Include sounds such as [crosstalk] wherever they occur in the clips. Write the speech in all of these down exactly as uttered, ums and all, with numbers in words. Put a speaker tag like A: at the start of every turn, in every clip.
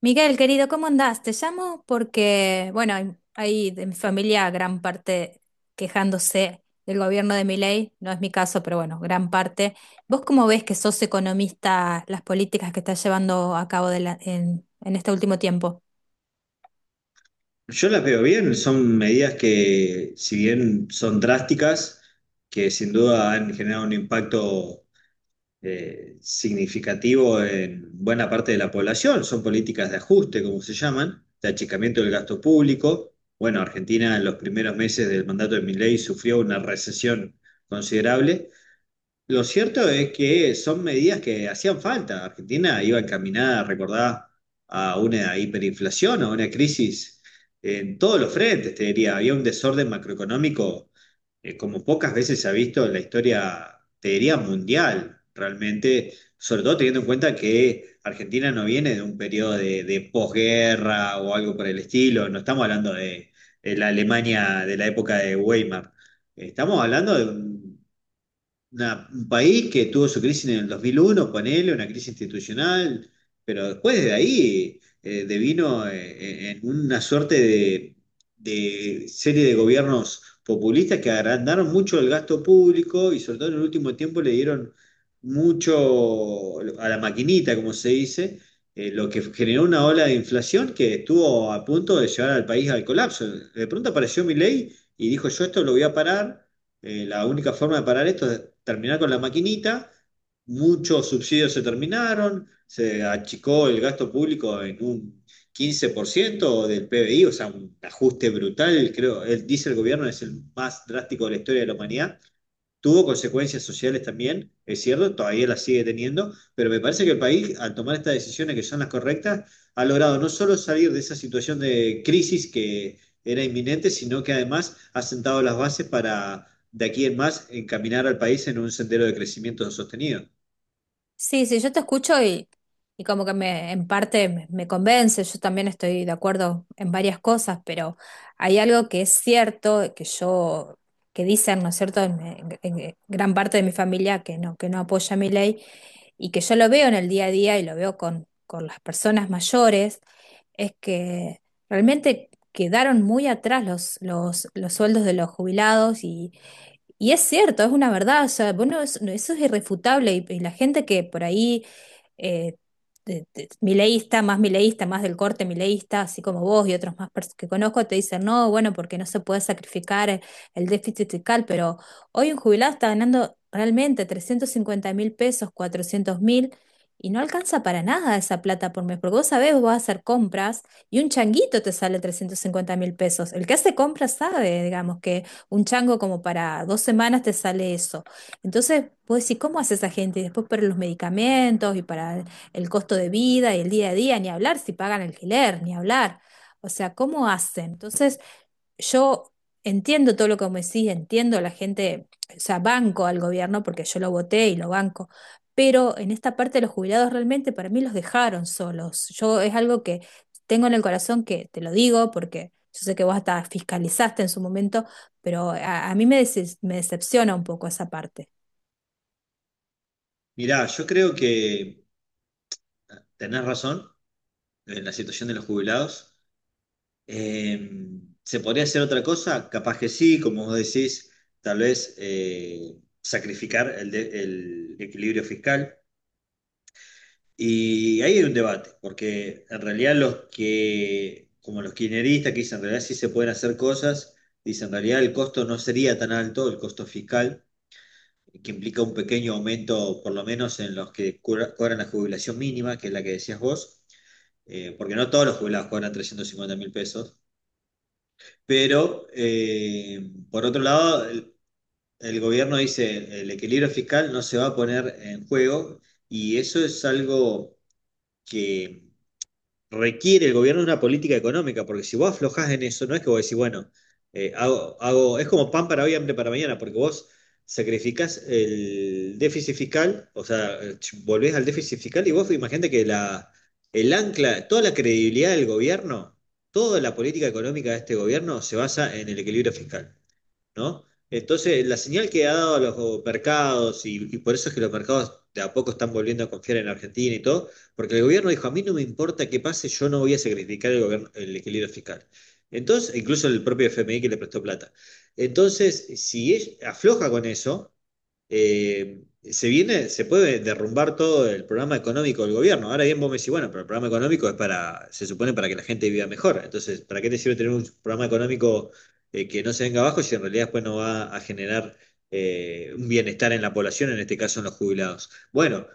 A: Miguel, querido, ¿cómo andás? Te llamo porque, bueno, hay, hay de mi familia gran parte quejándose del gobierno de Milei, no es mi caso, pero bueno, gran parte. ¿Vos cómo ves, que sos economista, las políticas que está llevando a cabo de la- en, en este último tiempo?
B: Yo las veo bien, son medidas que, si bien son drásticas, que sin duda han generado un impacto eh, significativo en buena parte de la población. Son políticas de ajuste, como se llaman, de achicamiento del gasto público. Bueno, Argentina en los primeros meses del mandato de Milei sufrió una recesión considerable. Lo cierto es que son medidas que hacían falta. Argentina iba encaminada, recordá, a una hiperinflación, a una crisis en todos los frentes, te diría. Había un desorden macroeconómico, eh, como pocas veces se ha visto en la historia, te diría, mundial, realmente, sobre todo teniendo en cuenta que Argentina no viene de un periodo de, de posguerra o algo por el estilo. No estamos hablando de, de la Alemania de la época de Weimar. Estamos hablando de un una- un país que tuvo su crisis en el dos mil uno, ponele, una crisis institucional, pero después de ahí eh, devino eh, en una suerte de, de serie de gobiernos populistas que agrandaron mucho el gasto público y sobre todo en el último tiempo le dieron mucho a la maquinita, como se dice, eh, lo que generó una ola de inflación que estuvo a punto de llevar al país al colapso. De pronto apareció Milei y dijo, yo esto lo voy a parar. Eh, la única forma de parar esto es terminar con la maquinita. Muchos subsidios se terminaron, se achicó el gasto público en un quince por ciento del P B I, o sea, un ajuste brutal. Creo, él dice el gobierno es el más drástico de la historia de la humanidad. Tuvo consecuencias sociales también, es cierto, todavía las sigue teniendo, pero me parece que el país, al tomar estas decisiones que son las correctas, ha logrado no solo salir de esa situación de crisis que era inminente, sino que además ha sentado las bases para de aquí en más encaminar al país en un sendero de crecimiento sostenido.
A: Sí, sí, yo te escucho y, y como que me, en parte me, me convence. Yo también estoy de acuerdo en varias cosas, pero hay algo que es cierto, que yo, que dicen, ¿no es cierto?, en, en- en gran parte de mi familia que no, que no apoya mi ley, y que yo lo veo en el día a día, y lo veo con, con las personas mayores, es que realmente quedaron muy atrás los, los, los sueldos de los jubilados. Y y es cierto, es una verdad, o sea, bueno, eso, no, eso es irrefutable. Y, y la gente que por ahí, eh, te- te- mileísta, más mileísta, más del corte mileísta, así como vos y otros más pers- que conozco, te dicen, no, bueno, porque no se puede sacrificar el, el déficit fiscal. Pero hoy un jubilado está ganando realmente trescientos cincuenta mil pesos, cuatrocientos mil, y no alcanza para nada esa plata por mes. Porque vos sabés, vos vas a hacer compras y un changuito te sale trescientos cincuenta mil pesos. El que hace compras sabe, digamos, un chango como para dos semanas te sale eso. Entonces, vos decís, ¿cómo hace esa gente? Y después para los medicamentos y para el costo de vida y el día a día, ni hablar si pagan alquiler, ni hablar. O sea, ¿cómo hacen? Entonces, yo entiendo todo lo que me decís, entiendo a la gente. O sea, banco al gobierno porque yo lo voté y lo banco, pero en esta parte de los jubilados realmente para mí los dejaron solos. Yo, es algo que tengo en el corazón, que te lo digo porque yo sé que vos hasta fiscalizaste en su momento, pero a, a mí me, dece- me decepciona un poco esa parte.
B: Mirá, yo creo que tenés razón en la situación de los jubilados. Eh, ¿Se podría hacer otra cosa? Capaz que sí, como vos decís, tal vez eh, sacrificar el, de- el equilibrio fiscal. Y ahí hay un debate, porque en realidad los que, como los kirchneristas, que dicen en realidad sí se pueden hacer cosas, dicen en realidad el costo no sería tan alto, el costo fiscal, que implica un pequeño aumento, por lo menos en los que cobra- cobran la jubilación mínima, que es la que decías vos, eh, porque no todos los jubilados cobran trescientos cincuenta mil pesos. Pero, eh, por otro lado, el, el gobierno dice, el equilibrio fiscal no se va a poner en juego y eso es algo que requiere el gobierno una política económica, porque si vos aflojás en eso, no es que vos decís, bueno, eh, hago, hago, es como pan para hoy, hambre para mañana, porque vos sacrificás el déficit fiscal, o sea, ch- volvés al déficit fiscal y vos imagínate que la, el ancla, toda la credibilidad del gobierno, toda la política económica de este gobierno se basa en el equilibrio fiscal, ¿no? Entonces, la señal que ha dado a los mercados, y, y por eso es que los mercados de a poco están volviendo a confiar en Argentina y todo, porque el gobierno dijo, a mí no me importa qué pase, yo no voy a sacrificar el, gobierno- el equilibrio fiscal. Entonces, incluso el propio F M I que le prestó plata. Entonces, si es- afloja con eso, eh, se viene, se puede derrumbar todo el programa económico del gobierno. Ahora bien, vos me decís, bueno, pero el programa económico es para, se supone para que la gente viva mejor. Entonces, ¿para qué te sirve tener un programa económico eh, que no se venga abajo si en realidad después no va a generar eh, un bienestar en la población, en este caso en los jubilados? Bueno,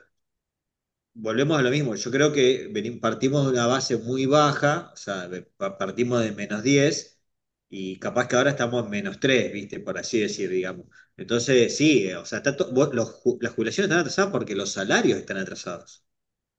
B: volvemos a lo mismo, yo creo que veni- partimos de una base muy baja, o sea, de- pa- partimos de menos diez y capaz que ahora estamos en menos tres, ¿viste? Por así decir, digamos. Entonces, sí, eh, o sea, está to- vos- los ju- las jubilaciones están atrasadas porque los salarios están atrasados.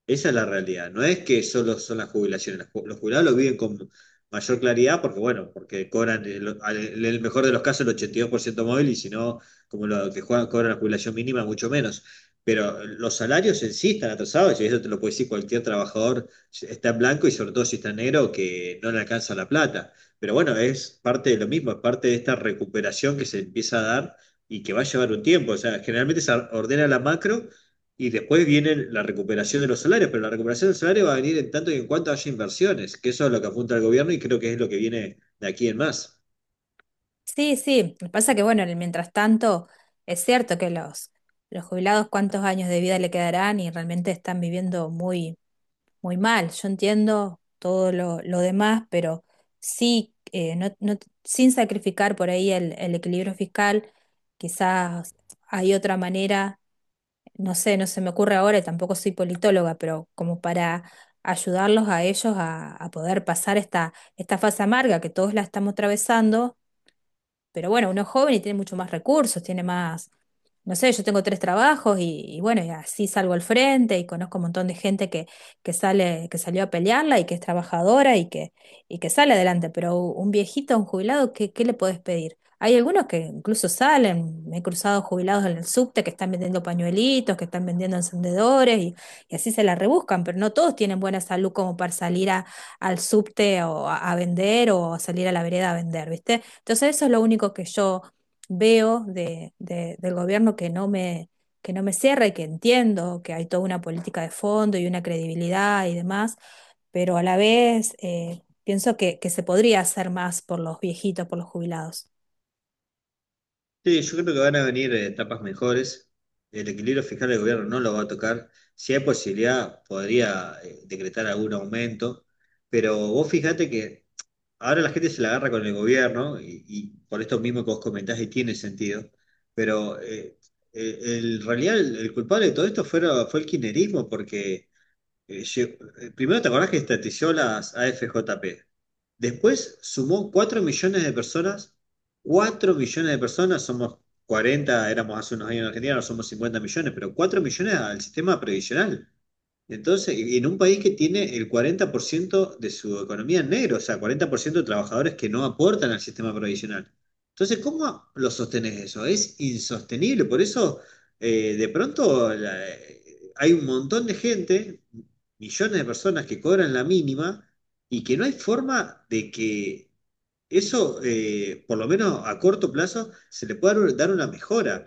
B: Esa es la realidad. No es que solo son las jubilaciones. Las ju- Los jubilados lo viven con mayor claridad porque, bueno, porque cobran, el- al- en el mejor de los casos, el ochenta y dos por ciento móvil y si no, como lo que juegan, cobran la jubilación mínima, mucho menos. Pero los salarios en sí están atrasados y eso te lo puede decir cualquier trabajador, si está en blanco y sobre todo si está en negro, que no le alcanza la plata. Pero bueno, es parte de lo mismo, es parte de esta recuperación que se empieza a dar y que va a llevar un tiempo. O sea, generalmente se ordena la macro y después viene la recuperación de los salarios, pero la recuperación del salario va a venir en tanto y en cuanto haya inversiones, que eso es lo que apunta el gobierno y creo que es lo que viene de aquí en más.
A: Sí, sí, lo que pasa, que bueno, en el mientras tanto, es cierto que los, los jubilados cuántos años de vida le quedarán, y realmente están viviendo muy muy mal. Yo entiendo todo lo, lo demás, pero sí, eh, no, no- sin sacrificar por ahí el, el equilibrio fiscal, quizás hay otra manera, no sé, no se me ocurre ahora, y tampoco soy politóloga, pero como para ayudarlos a ellos a, a poder pasar esta, esta fase amarga que todos la estamos atravesando. Pero bueno, uno es joven y tiene mucho más recursos, tiene más, no sé, yo tengo tres trabajos, y, y bueno, y así salgo al frente, y conozco un montón de gente que, que sale, que salió a pelearla, y que es trabajadora, y, que, y que sale adelante. Pero un viejito, un jubilado, ¿qué, qué le podés pedir? Hay algunos que incluso salen, me he cruzado jubilados en el subte que están vendiendo pañuelitos, que están vendiendo encendedores, y, y así se la rebuscan, pero no todos tienen buena salud como para salir a, al subte, o a, a vender, o a salir a la vereda a vender, ¿viste? Entonces eso es lo único que yo veo de, de- del gobierno que no me, que no me cierra, y que entiendo que hay toda una política de fondo y una credibilidad y demás, pero a la vez eh, pienso que, que se podría hacer más por los viejitos, por los jubilados.
B: Sí, yo creo que van a venir eh, etapas mejores. El equilibrio fiscal del gobierno no lo va a tocar. Si hay posibilidad, podría eh, decretar algún aumento, pero vos fíjate que ahora la gente se la agarra con el gobierno y, y por esto mismo que vos comentás y tiene sentido, pero eh, eh, el- en realidad el, el culpable de todo esto fue, fue el kirchnerismo, porque Eh, lle- eh, primero te acordás que estatizó las A F J P. Después sumó cuatro millones de personas. Cuatro millones de personas, somos cuarenta éramos hace unos años en Argentina, ahora somos cincuenta millones, pero cuatro millones al sistema previsional. Entonces, y en un país que tiene el cuarenta por ciento de su economía en negro, o sea, cuarenta por ciento de trabajadores que no aportan al sistema provisional. Entonces, ¿cómo lo sostenés eso? Es insostenible. Por eso, eh, de pronto, la- eh, hay un montón de gente, millones de personas que cobran la mínima y que no hay forma de que eso, eh, por lo menos a corto plazo, se le puede dar un- dar una mejora,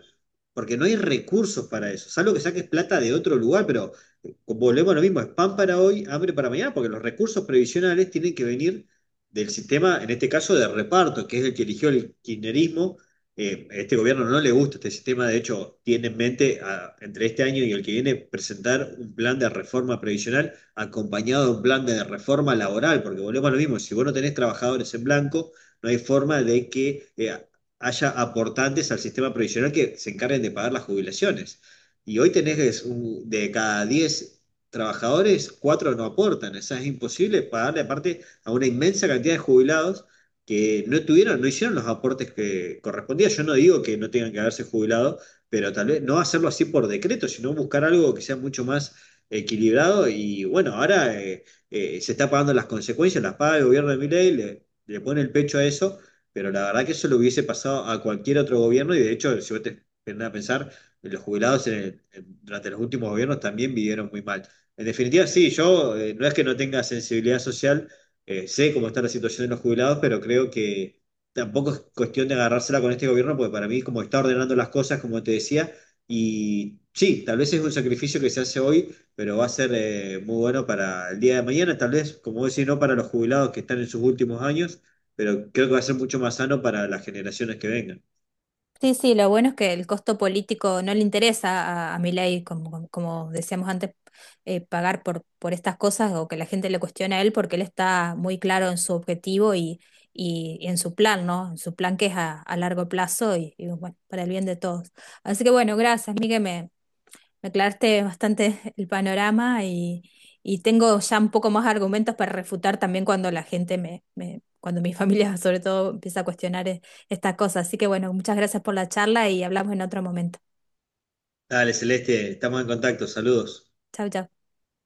B: porque no hay recursos para eso, salvo que saques plata de otro lugar, pero eh, volvemos a lo mismo, es pan para hoy, hambre para mañana, porque los recursos previsionales tienen que venir del sistema, en este caso, de reparto, que es el que eligió el kirchnerismo. Eh, a este gobierno no le gusta este sistema, de hecho, tiene en mente a- entre este año y el que viene presentar un plan de reforma previsional acompañado de un plan de reforma laboral, porque volvemos a lo mismo, si vos no tenés trabajadores en blanco, no hay forma de que eh, haya aportantes al sistema previsional que se encarguen de pagar las jubilaciones. Y hoy tenés un- de cada diez trabajadores, cuatro no aportan. O sea, es imposible pagarle aparte a una inmensa cantidad de jubilados que no tuvieron, no hicieron los aportes que correspondían. Yo no digo que no tengan que haberse jubilado, pero tal vez no hacerlo así por decreto, sino buscar algo que sea mucho más equilibrado. Y bueno, ahora eh, eh, se está pagando las consecuencias, las paga el gobierno de Milei, le- le pone el pecho a eso, pero la verdad que eso le hubiese pasado a cualquier otro gobierno y de hecho, si vos te pones a pensar, los jubilados en- el- en- durante los últimos gobiernos también vivieron muy mal. En definitiva, sí, yo eh, no es que no tenga sensibilidad social, eh, sé cómo está la situación de los jubilados, pero creo que tampoco es cuestión de agarrársela con este gobierno, porque para mí, como está ordenando las cosas, como te decía, y sí, tal vez es un sacrificio que se hace hoy pero va a ser eh, muy bueno para el día de mañana, tal vez, como vos decís, no para los jubilados que están en sus últimos años, pero creo que va a ser mucho más sano para las generaciones que vengan.
A: Sí, sí, lo bueno es que el costo político no le interesa a, a Milei, como, como como decíamos antes, eh, pagar por, por estas cosas, o que la gente le cuestione a él, porque él está muy claro en su objetivo, y, y, y en su plan, ¿no? En su plan, que es a, a largo plazo, y, y, bueno, para el bien de todos. Así que bueno, gracias, Miguel, me, me aclaraste bastante el panorama, y, y tengo ya un poco más argumentos para refutar también cuando la gente me, me- cuando mi [laughs] familia sobre todo empieza a cuestionar e- estas cosas. Así que bueno, muchas gracias por la charla y hablamos en otro momento.
B: Dale, Celeste, estamos en contacto, saludos.
A: Chau, chau.